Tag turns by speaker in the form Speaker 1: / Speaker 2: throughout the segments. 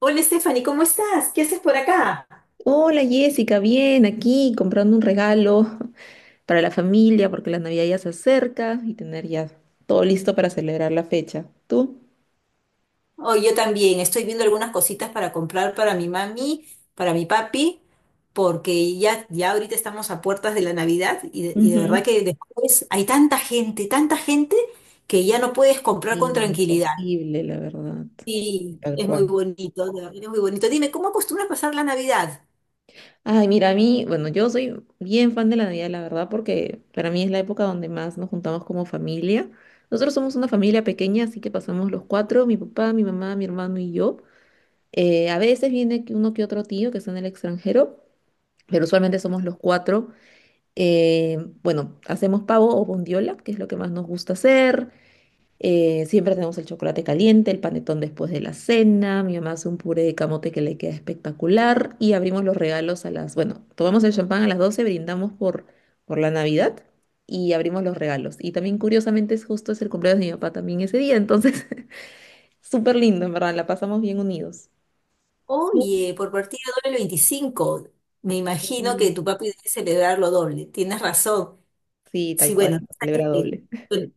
Speaker 1: Hola Stephanie, ¿cómo estás? ¿Qué haces por acá?
Speaker 2: Hola Jessica, bien, aquí comprando un regalo para la familia porque la Navidad ya se acerca y tener ya todo listo para celebrar la fecha. ¿Tú?
Speaker 1: Oh, yo también, estoy viendo algunas cositas para comprar para mi mami, para mi papi, porque ya ahorita estamos a puertas de la Navidad y de verdad
Speaker 2: Ujú.
Speaker 1: que después hay tanta gente que ya no puedes comprar con tranquilidad.
Speaker 2: Imposible, la verdad.
Speaker 1: Sí,
Speaker 2: Tal
Speaker 1: es muy
Speaker 2: cual.
Speaker 1: bonito, de verdad, es muy bonito. Dime, ¿cómo acostumbras pasar la Navidad?
Speaker 2: Ay, mira, a mí, bueno, yo soy bien fan de la Navidad, la verdad, porque para mí es la época donde más nos juntamos como familia. Nosotros somos una familia pequeña, así que pasamos los cuatro, mi papá, mi mamá, mi hermano y yo. A veces viene que uno que otro tío que está en el extranjero, pero usualmente somos los cuatro. Eh, bueno, hacemos pavo o bondiola, que es lo que más nos gusta hacer. Siempre tenemos el chocolate caliente, el panetón después de la cena. Mi mamá hace un puré de camote que le queda espectacular. Y abrimos los regalos a las, bueno, tomamos el champán a las 12 brindamos por la Navidad y abrimos los regalos. Y también, curiosamente, es el cumpleaños de mi papá también ese día. Entonces, súper lindo, en verdad, la pasamos bien unidos. No,
Speaker 1: Oye, por partida doble el 25. Me imagino que
Speaker 2: sí,
Speaker 1: tu papi debe celebrarlo doble. Tienes razón.
Speaker 2: sí, tal
Speaker 1: Sí,
Speaker 2: cual,
Speaker 1: bueno,
Speaker 2: celebra doble.
Speaker 1: bueno,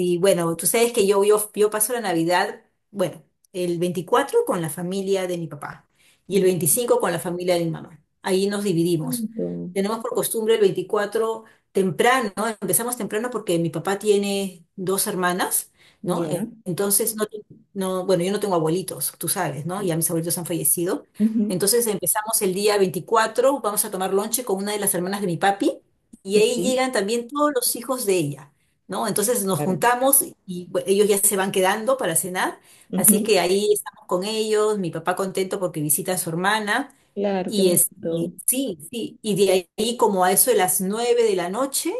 Speaker 1: y bueno, tú sabes que yo paso la Navidad, bueno, el 24 con la familia de mi papá y el
Speaker 2: Ujú. Qué
Speaker 1: 25 con la familia de mi mamá. Ahí nos dividimos.
Speaker 2: bonito.
Speaker 1: Tenemos por costumbre el 24 temprano, ¿no? Empezamos temprano porque mi papá tiene dos hermanas, ¿no?
Speaker 2: Ya.
Speaker 1: Entonces, bueno, yo no tengo abuelitos, tú sabes, ¿no? Ya mis abuelitos han fallecido.
Speaker 2: Ujú.
Speaker 1: Entonces empezamos el día veinticuatro, vamos a tomar lonche con una de las hermanas de mi papi y
Speaker 2: Ok,
Speaker 1: ahí llegan también todos los hijos de ella. ¿No? Entonces nos
Speaker 2: claro.
Speaker 1: juntamos y ellos ya se van quedando para cenar, así
Speaker 2: Ujú,
Speaker 1: que ahí estamos con ellos, mi papá contento porque visita a su hermana,
Speaker 2: claro, qué
Speaker 1: y
Speaker 2: bonito.
Speaker 1: sí, sí, y de ahí como a eso de las nueve de la noche,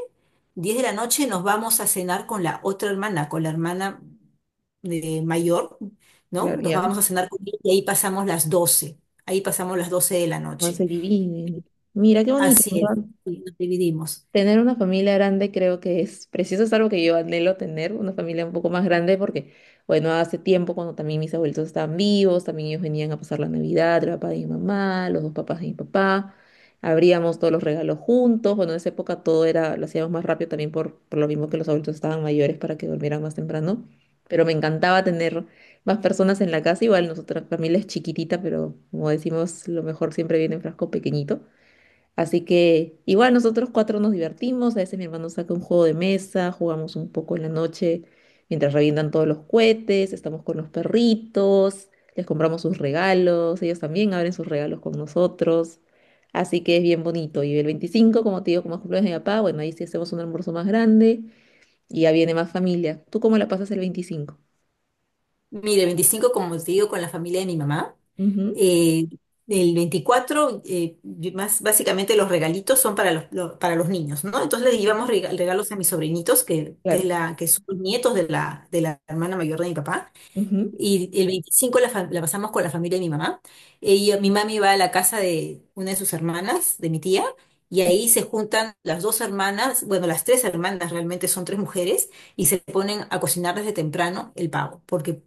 Speaker 1: 10 de la noche nos vamos a cenar con la otra hermana, con la hermana mayor, ¿no?
Speaker 2: Claro,
Speaker 1: Nos
Speaker 2: ya.
Speaker 1: vamos a cenar con ella y ahí pasamos las 12 de la
Speaker 2: No
Speaker 1: noche.
Speaker 2: se dividen. Mira, qué bonito,
Speaker 1: Así es,
Speaker 2: ¿verdad?
Speaker 1: sí, nos dividimos.
Speaker 2: Tener una familia grande creo que es preciso, es algo que yo anhelo tener, una familia un poco más grande, porque, bueno, hace tiempo cuando también mis abuelitos estaban vivos, también ellos venían a pasar la Navidad, el papá de mi mamá, los dos papás de mi papá, abríamos todos los regalos juntos, bueno, en esa época todo era, lo hacíamos más rápido también por lo mismo que los adultos estaban mayores para que durmieran más temprano, pero me encantaba tener más personas en la casa, igual nuestra familia es chiquitita, pero como decimos, lo mejor siempre viene en frasco pequeñito. Así que igual nosotros cuatro nos divertimos, a veces mi hermano saca un juego de mesa, jugamos un poco en la noche mientras revientan todos los cohetes, estamos con los perritos, les compramos sus regalos, ellos también abren sus regalos con nosotros. Así que es bien bonito. Y el 25, como te digo, como es cumpleaños de mi papá, bueno, ahí sí hacemos un almuerzo más grande y ya viene más familia. ¿Tú cómo la pasas el 25?
Speaker 1: Mire, 25 como te digo, con la familia de mi mamá.
Speaker 2: Ujú,
Speaker 1: Eh, el 24 más básicamente los regalitos son para para los niños, ¿no? Entonces les llevamos regalos a mis sobrinitos, es
Speaker 2: claro.
Speaker 1: que son los nietos de de la hermana mayor de mi papá.
Speaker 2: Ujú.
Speaker 1: Y el 25 la, fa- la pasamos con la familia de mi mamá. Ella, mi mami va a la casa de una de sus hermanas, de mi tía, y ahí se juntan las dos hermanas, bueno, las tres hermanas, realmente son tres mujeres, y se ponen a cocinar desde temprano el pavo, porque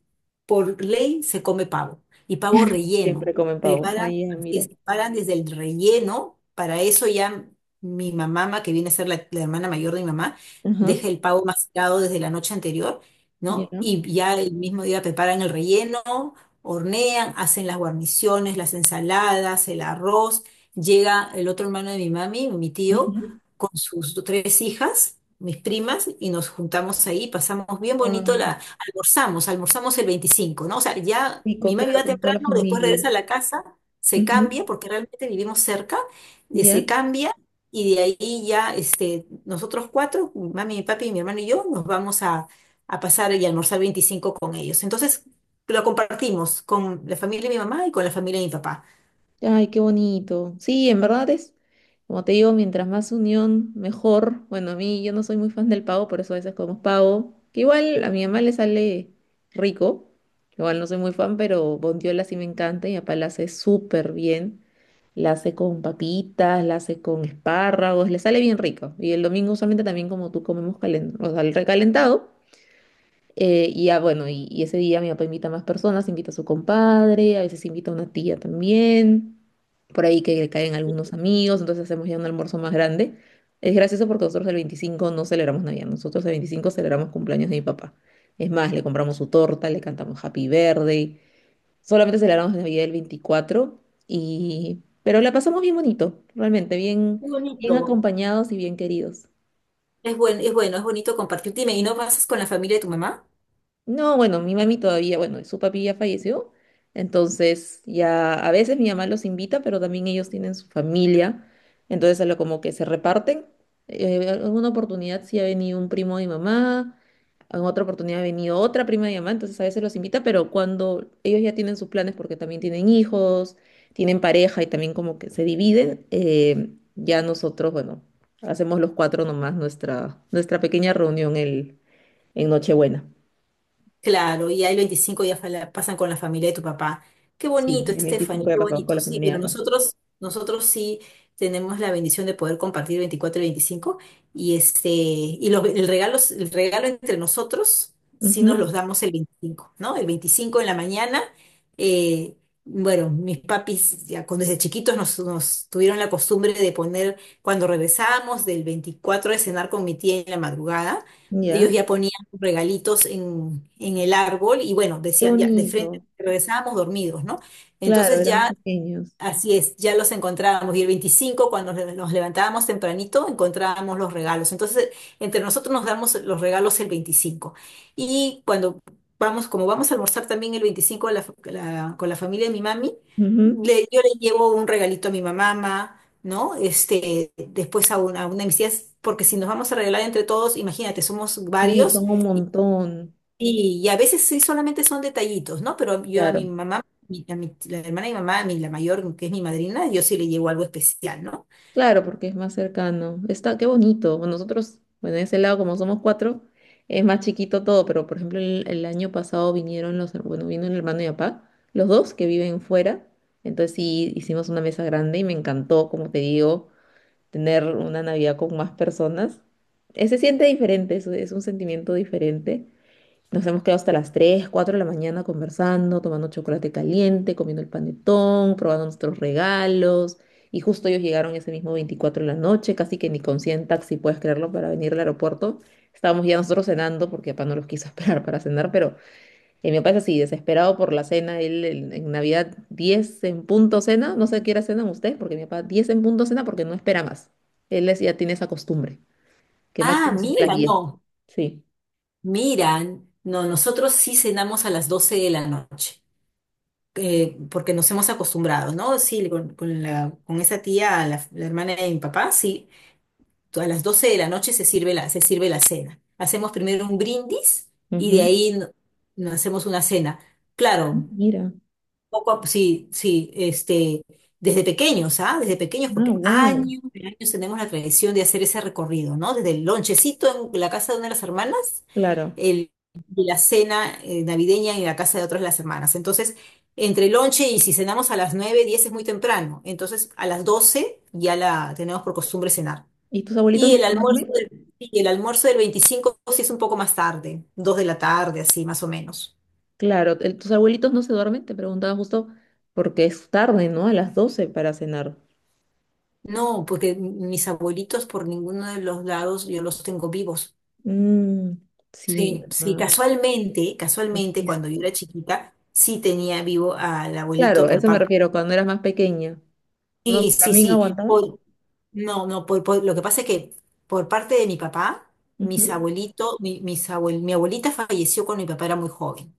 Speaker 1: por ley se come pavo, y pavo relleno.
Speaker 2: Siempre comen pavo.
Speaker 1: Preparan,
Speaker 2: Ahí,
Speaker 1: así
Speaker 2: mira.
Speaker 1: es, preparan desde el relleno, para eso ya mi mamá, que viene a ser la hermana mayor de mi mamá,
Speaker 2: Ajá,
Speaker 1: deja el pavo macerado desde la noche anterior,
Speaker 2: ya.
Speaker 1: ¿no? Y ya el mismo día preparan el relleno, hornean, hacen las guarniciones, las ensaladas, el arroz. Llega el otro hermano de mi mami, mi tío,
Speaker 2: Ujú.
Speaker 1: con sus tres hijas, mis primas, y nos juntamos ahí, pasamos bien bonito,
Speaker 2: Guau.
Speaker 1: almorzamos, almorzamos el veinticinco, ¿no? O sea, ya
Speaker 2: Rico,
Speaker 1: mi mami
Speaker 2: claro,
Speaker 1: va
Speaker 2: con toda la
Speaker 1: temprano, después
Speaker 2: familia.
Speaker 1: regresa a la casa, se
Speaker 2: Ujú.
Speaker 1: cambia, porque realmente vivimos cerca, se
Speaker 2: ¿Ya?
Speaker 1: cambia. Y de ahí ya nosotros cuatro, mi mami, mi papi, mi hermano y yo, nos vamos a pasar y almorzar 25 con ellos. Entonces lo compartimos con la familia de mi mamá y con la familia de mi papá.
Speaker 2: Ay, qué bonito. Sí, en verdad es, como te digo, mientras más unión, mejor. Bueno, a mí yo no soy muy fan del pavo, por eso a veces comemos pavo. Que igual a mi mamá le sale rico. Igual no soy muy fan, pero bondiola sí me encanta y mi papá la hace súper bien. La hace con papitas, la hace con espárragos, le sale bien rico. Y el domingo usualmente también como tú comemos o sea, el recalentado. Y ya, bueno, y ese día mi papá invita a más personas, invita a su compadre, a veces invita a una tía también, por ahí que le caen algunos amigos, entonces hacemos ya un almuerzo más grande. Es gracioso porque nosotros el 25 no celebramos Navidad, nosotros el 25 celebramos cumpleaños de mi papá. Es más, le compramos su torta, le cantamos Happy Birthday, solamente celebramos Navidad el 24 Pero la pasamos bien bonito, realmente, bien,
Speaker 1: Es
Speaker 2: bien
Speaker 1: bonito,
Speaker 2: acompañados y bien queridos.
Speaker 1: es bueno, es bonito compartir. Dime, ¿y no pasas con la familia de tu mamá?
Speaker 2: No, bueno, mi mami todavía, bueno, su papi ya falleció, entonces ya a veces mi mamá los invita, pero también ellos tienen su familia, entonces a lo como que se reparten. Alguna oportunidad sí ha venido un primo de mi mamá, en otra oportunidad ha venido otra prima de mi mamá, entonces a veces los invita, pero cuando ellos ya tienen sus planes porque también tienen hijos, tienen pareja y también como que se dividen, ya nosotros, bueno, hacemos los cuatro nomás nuestra, pequeña reunión en Nochebuena.
Speaker 1: Claro, y ahí los 25 días pasan con la familia de tu papá. Qué
Speaker 2: Sí,
Speaker 1: bonito,
Speaker 2: el 25
Speaker 1: Stephanie,
Speaker 2: ya
Speaker 1: qué
Speaker 2: pasamos con
Speaker 1: bonito.
Speaker 2: la
Speaker 1: Sí,
Speaker 2: familia
Speaker 1: pero
Speaker 2: de papá.
Speaker 1: nosotros sí tenemos la bendición de poder compartir 24 y 25, y el regalo entre nosotros sí
Speaker 2: Ujú.
Speaker 1: nos los damos el 25, ¿no? El 25 en la mañana. eh, bueno, Mis papis ya desde chiquitos nos tuvieron la costumbre de poner, cuando regresábamos del 24 de cenar con mi tía en la madrugada, ellos
Speaker 2: Ya,
Speaker 1: ya ponían regalitos en el árbol, y bueno,
Speaker 2: qué
Speaker 1: decían ya, de frente
Speaker 2: bonito.
Speaker 1: regresábamos dormidos, ¿no?
Speaker 2: Claro,
Speaker 1: Entonces
Speaker 2: éramos
Speaker 1: ya,
Speaker 2: pequeños.
Speaker 1: así es, ya los encontrábamos y el 25 cuando nos levantábamos tempranito encontrábamos los regalos. Entonces entre nosotros nos damos los regalos el 25 y cuando vamos, como vamos a almorzar también el 25 con la familia de mi mami,
Speaker 2: Ujú.
Speaker 1: yo le llevo un regalito a mi mamá. ¿No? Este, después a una de mis tías, porque si nos vamos a regalar entre todos, imagínate, somos
Speaker 2: Sí,
Speaker 1: varios,
Speaker 2: son un montón.
Speaker 1: y a veces sí solamente son detallitos, ¿no? Pero yo a mi
Speaker 2: Claro,
Speaker 1: mamá, a mi, la hermana de mi mamá, la mayor, que es mi madrina, yo sí le llevo algo especial, ¿no?
Speaker 2: claro, porque es más cercano. Está, qué bonito. Bueno, nosotros, bueno, en ese lado, como somos cuatro, es más chiquito todo, pero por ejemplo, el año pasado vinieron bueno, vino el hermano y papá, los dos que viven fuera. Entonces sí, hicimos una mesa grande y me encantó, como te digo, tener una Navidad con más personas. Se siente diferente, es un sentimiento diferente. Nos hemos quedado hasta las 3, 4 de la mañana conversando, tomando chocolate caliente, comiendo el panetón, probando nuestros regalos. Y justo ellos llegaron ese mismo 24 de la noche, casi que ni con 100 taxi, puedes creerlo, para venir al aeropuerto. Estábamos ya nosotros cenando porque papá no los quiso esperar para cenar, pero y mi papá es así, desesperado por la cena. Él en Navidad 10 en punto cena. No sé a qué hora cenan ustedes, porque mi papá 10 en punto cena porque no espera más. Ya tiene esa costumbre, que
Speaker 1: Ah,
Speaker 2: máximo son las
Speaker 1: mira,
Speaker 2: 10.
Speaker 1: no,
Speaker 2: Sí.
Speaker 1: miran, no, nosotros sí cenamos a las 12 de la noche, porque nos hemos acostumbrado, ¿no? Sí, con con esa tía, la hermana de mi papá, sí, a las 12 de la noche se sirve la cena. Hacemos primero un brindis y de
Speaker 2: Ujú.
Speaker 1: ahí no hacemos una cena. Claro.
Speaker 2: Mira.
Speaker 1: Sí, sí, desde pequeños, ¿ah? Desde pequeños,
Speaker 2: Ah,
Speaker 1: porque
Speaker 2: wow.
Speaker 1: años y años tenemos la tradición de hacer ese recorrido, ¿no? Desde el lonchecito en la casa de una de las hermanas,
Speaker 2: Claro.
Speaker 1: el, y la cena navideña en la casa de otras de las hermanas. Entonces, entre el lonche, y si cenamos a las 9 10 es muy temprano. Entonces, a las 12 ya la tenemos por costumbre cenar.
Speaker 2: ¿Y tus abuelitos no se duermen?
Speaker 1: Y el almuerzo del 25 sí es un poco más tarde, 2 de la tarde, así más o menos.
Speaker 2: Claro, tus abuelitos no se duermen, te preguntaba justo porque es tarde, ¿no? A las 12 para cenar.
Speaker 1: No, porque mis abuelitos por ninguno de los lados yo los tengo vivos.
Speaker 2: Mm, sí,
Speaker 1: Sí, sí,
Speaker 2: ¿verdad?
Speaker 1: casualmente, casualmente cuando yo
Speaker 2: Dijiste.
Speaker 1: era chiquita, sí tenía vivo al
Speaker 2: Claro,
Speaker 1: abuelito
Speaker 2: a
Speaker 1: por
Speaker 2: eso me
Speaker 1: parte.
Speaker 2: refiero, cuando eras más pequeña. No
Speaker 1: Sí,
Speaker 2: sé,
Speaker 1: sí,
Speaker 2: ¿también
Speaker 1: sí.
Speaker 2: aguantaban?
Speaker 1: No, no, lo que pasa es que por parte de mi papá, mis
Speaker 2: Ujú.
Speaker 1: abuelitos, mi, mis abuel- mi abuelita falleció cuando mi papá era muy joven.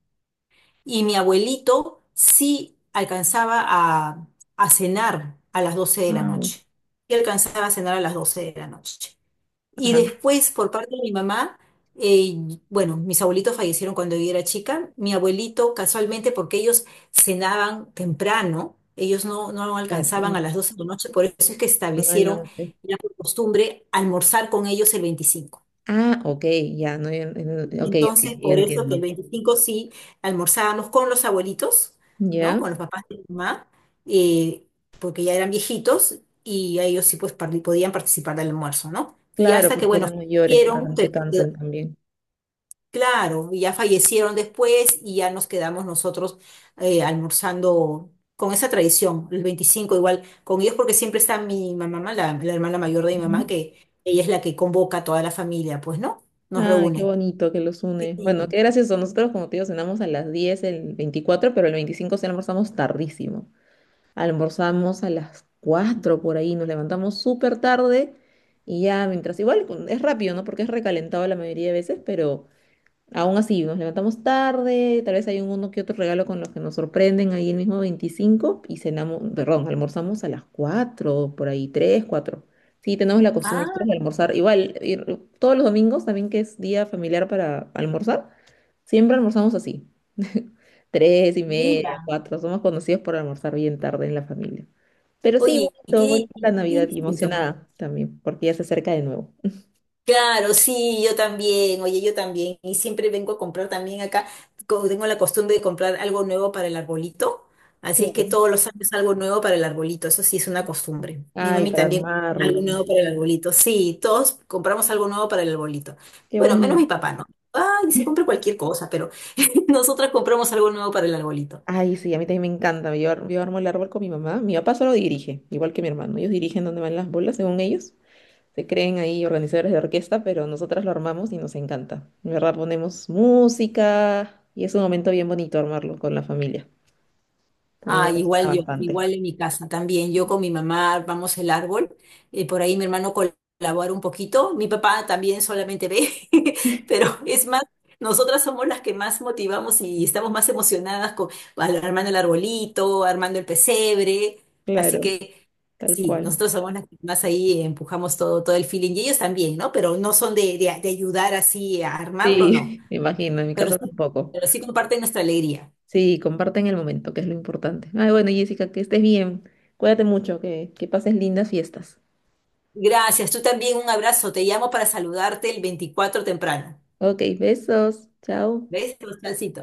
Speaker 1: Y mi abuelito sí a cenar a las 12 de la
Speaker 2: Ah,
Speaker 1: noche. Y alcanzaba a cenar a las 12 de la noche. Y
Speaker 2: ajá,
Speaker 1: después, por parte de mi mamá, eh, bueno, mis abuelitos fallecieron cuando yo era chica. Mi abuelito, casualmente, porque ellos cenaban temprano, ellos no
Speaker 2: claro, ya,
Speaker 1: alcanzaban a las 12 de la noche, por eso es que
Speaker 2: no el
Speaker 1: establecieron
Speaker 2: lonche.
Speaker 1: la costumbre almorzar con ellos el veinticinco.
Speaker 2: Ah, ok, ya, no, ya, ok, ok,
Speaker 1: Entonces,
Speaker 2: ya
Speaker 1: por eso que el
Speaker 2: entiendo.
Speaker 1: 25 sí almorzábamos con los abuelitos, ¿no?
Speaker 2: ¿Ya?
Speaker 1: Con los papás de mi mamá, eh, porque ya eran viejitos y ellos sí pues podían participar del almuerzo, ¿no? Y
Speaker 2: Claro,
Speaker 1: hasta que,
Speaker 2: porque
Speaker 1: bueno,
Speaker 2: eran mayores para que
Speaker 1: hicieron,
Speaker 2: no se
Speaker 1: pero
Speaker 2: cansen también.
Speaker 1: claro, y ya fallecieron después y ya nos quedamos nosotros almorzando con esa tradición, el 25 igual con ellos, porque siempre está mi mamá, la hermana mayor de mi mamá,
Speaker 2: Ujú.
Speaker 1: que ella es la que convoca a toda la familia, pues, ¿no? Nos
Speaker 2: Ay, qué
Speaker 1: reúne.
Speaker 2: bonito que los une. Bueno,
Speaker 1: Sí.
Speaker 2: qué gracioso. Nosotros, como te digo, cenamos a las 10 el 24 pero el 25 sí almorzamos tardísimo. Almorzamos a las 4 por ahí, nos levantamos súper tarde y ya mientras, igual es rápido, ¿no? Porque es recalentado la mayoría de veces, pero aún así, nos levantamos tarde, tal vez hay un uno que otro regalo con los que nos sorprenden ahí el mismo 25 y cenamos, perdón, almorzamos a las 4 por ahí 3 cuatro. Sí, tenemos la costumbre
Speaker 1: Ah,
Speaker 2: nosotros de almorzar. Igual, todos los domingos también que es día familiar para almorzar, siempre almorzamos así. Tres y
Speaker 1: mira.
Speaker 2: media, cuatro, somos conocidos por almorzar bien tarde en la familia. Pero sí,
Speaker 1: Oye,
Speaker 2: bonito,
Speaker 1: qué,
Speaker 2: bonito la
Speaker 1: qué
Speaker 2: Navidad y
Speaker 1: distinto.
Speaker 2: emocionada también, porque ya se acerca de nuevo.
Speaker 1: Claro, sí, yo también, oye, yo también. Y siempre vengo a comprar también acá, tengo la costumbre de comprar algo nuevo para el arbolito, así es que
Speaker 2: Claro.
Speaker 1: todos los años algo nuevo para el arbolito, eso sí es una costumbre. Mi
Speaker 2: Ay,
Speaker 1: mami
Speaker 2: para
Speaker 1: también, algo
Speaker 2: armarlo.
Speaker 1: nuevo para el arbolito, sí, todos compramos algo nuevo para el arbolito.
Speaker 2: Qué
Speaker 1: Bueno, menos
Speaker 2: bonito.
Speaker 1: mi papá, ¿no? Ay, se compra cualquier cosa, pero nosotras compramos algo nuevo para el arbolito.
Speaker 2: Ay, sí, a mí también me encanta. Yo armo el árbol con mi mamá. Mi papá solo dirige, igual que mi hermano. Ellos dirigen donde van las bolas, según ellos. Se creen ahí organizadores de orquesta, pero nosotras lo armamos y nos encanta. De verdad, ponemos música y es un momento bien bonito armarlo con la familia. También me
Speaker 1: Ah, igual
Speaker 2: emociona
Speaker 1: yo,
Speaker 2: bastante.
Speaker 1: igual en mi casa también. Yo con mi mamá armamos el árbol, por ahí mi hermano colabora un poquito, mi papá también solamente ve, pero es más, nosotras somos las que más motivamos y estamos más emocionadas con armando el arbolito, armando el pesebre, así
Speaker 2: Claro,
Speaker 1: que
Speaker 2: tal
Speaker 1: sí,
Speaker 2: cual.
Speaker 1: nosotros somos las que más ahí empujamos todo, todo el feeling y ellos también, ¿no? Pero no son de, de ayudar así a armarlo, no,
Speaker 2: Sí, me imagino, en mi
Speaker 1: pero
Speaker 2: casa
Speaker 1: sí,
Speaker 2: tampoco.
Speaker 1: pero sí comparten nuestra alegría.
Speaker 2: Sí, comparten el momento, que es lo importante. Ay, bueno, Jessica, que estés bien. Cuídate mucho, que pases lindas fiestas.
Speaker 1: Gracias, tú también, un abrazo. Te llamo para saludarte el 24 temprano.
Speaker 2: Ok, besos. Chao.
Speaker 1: ¿Ves, Bastancito?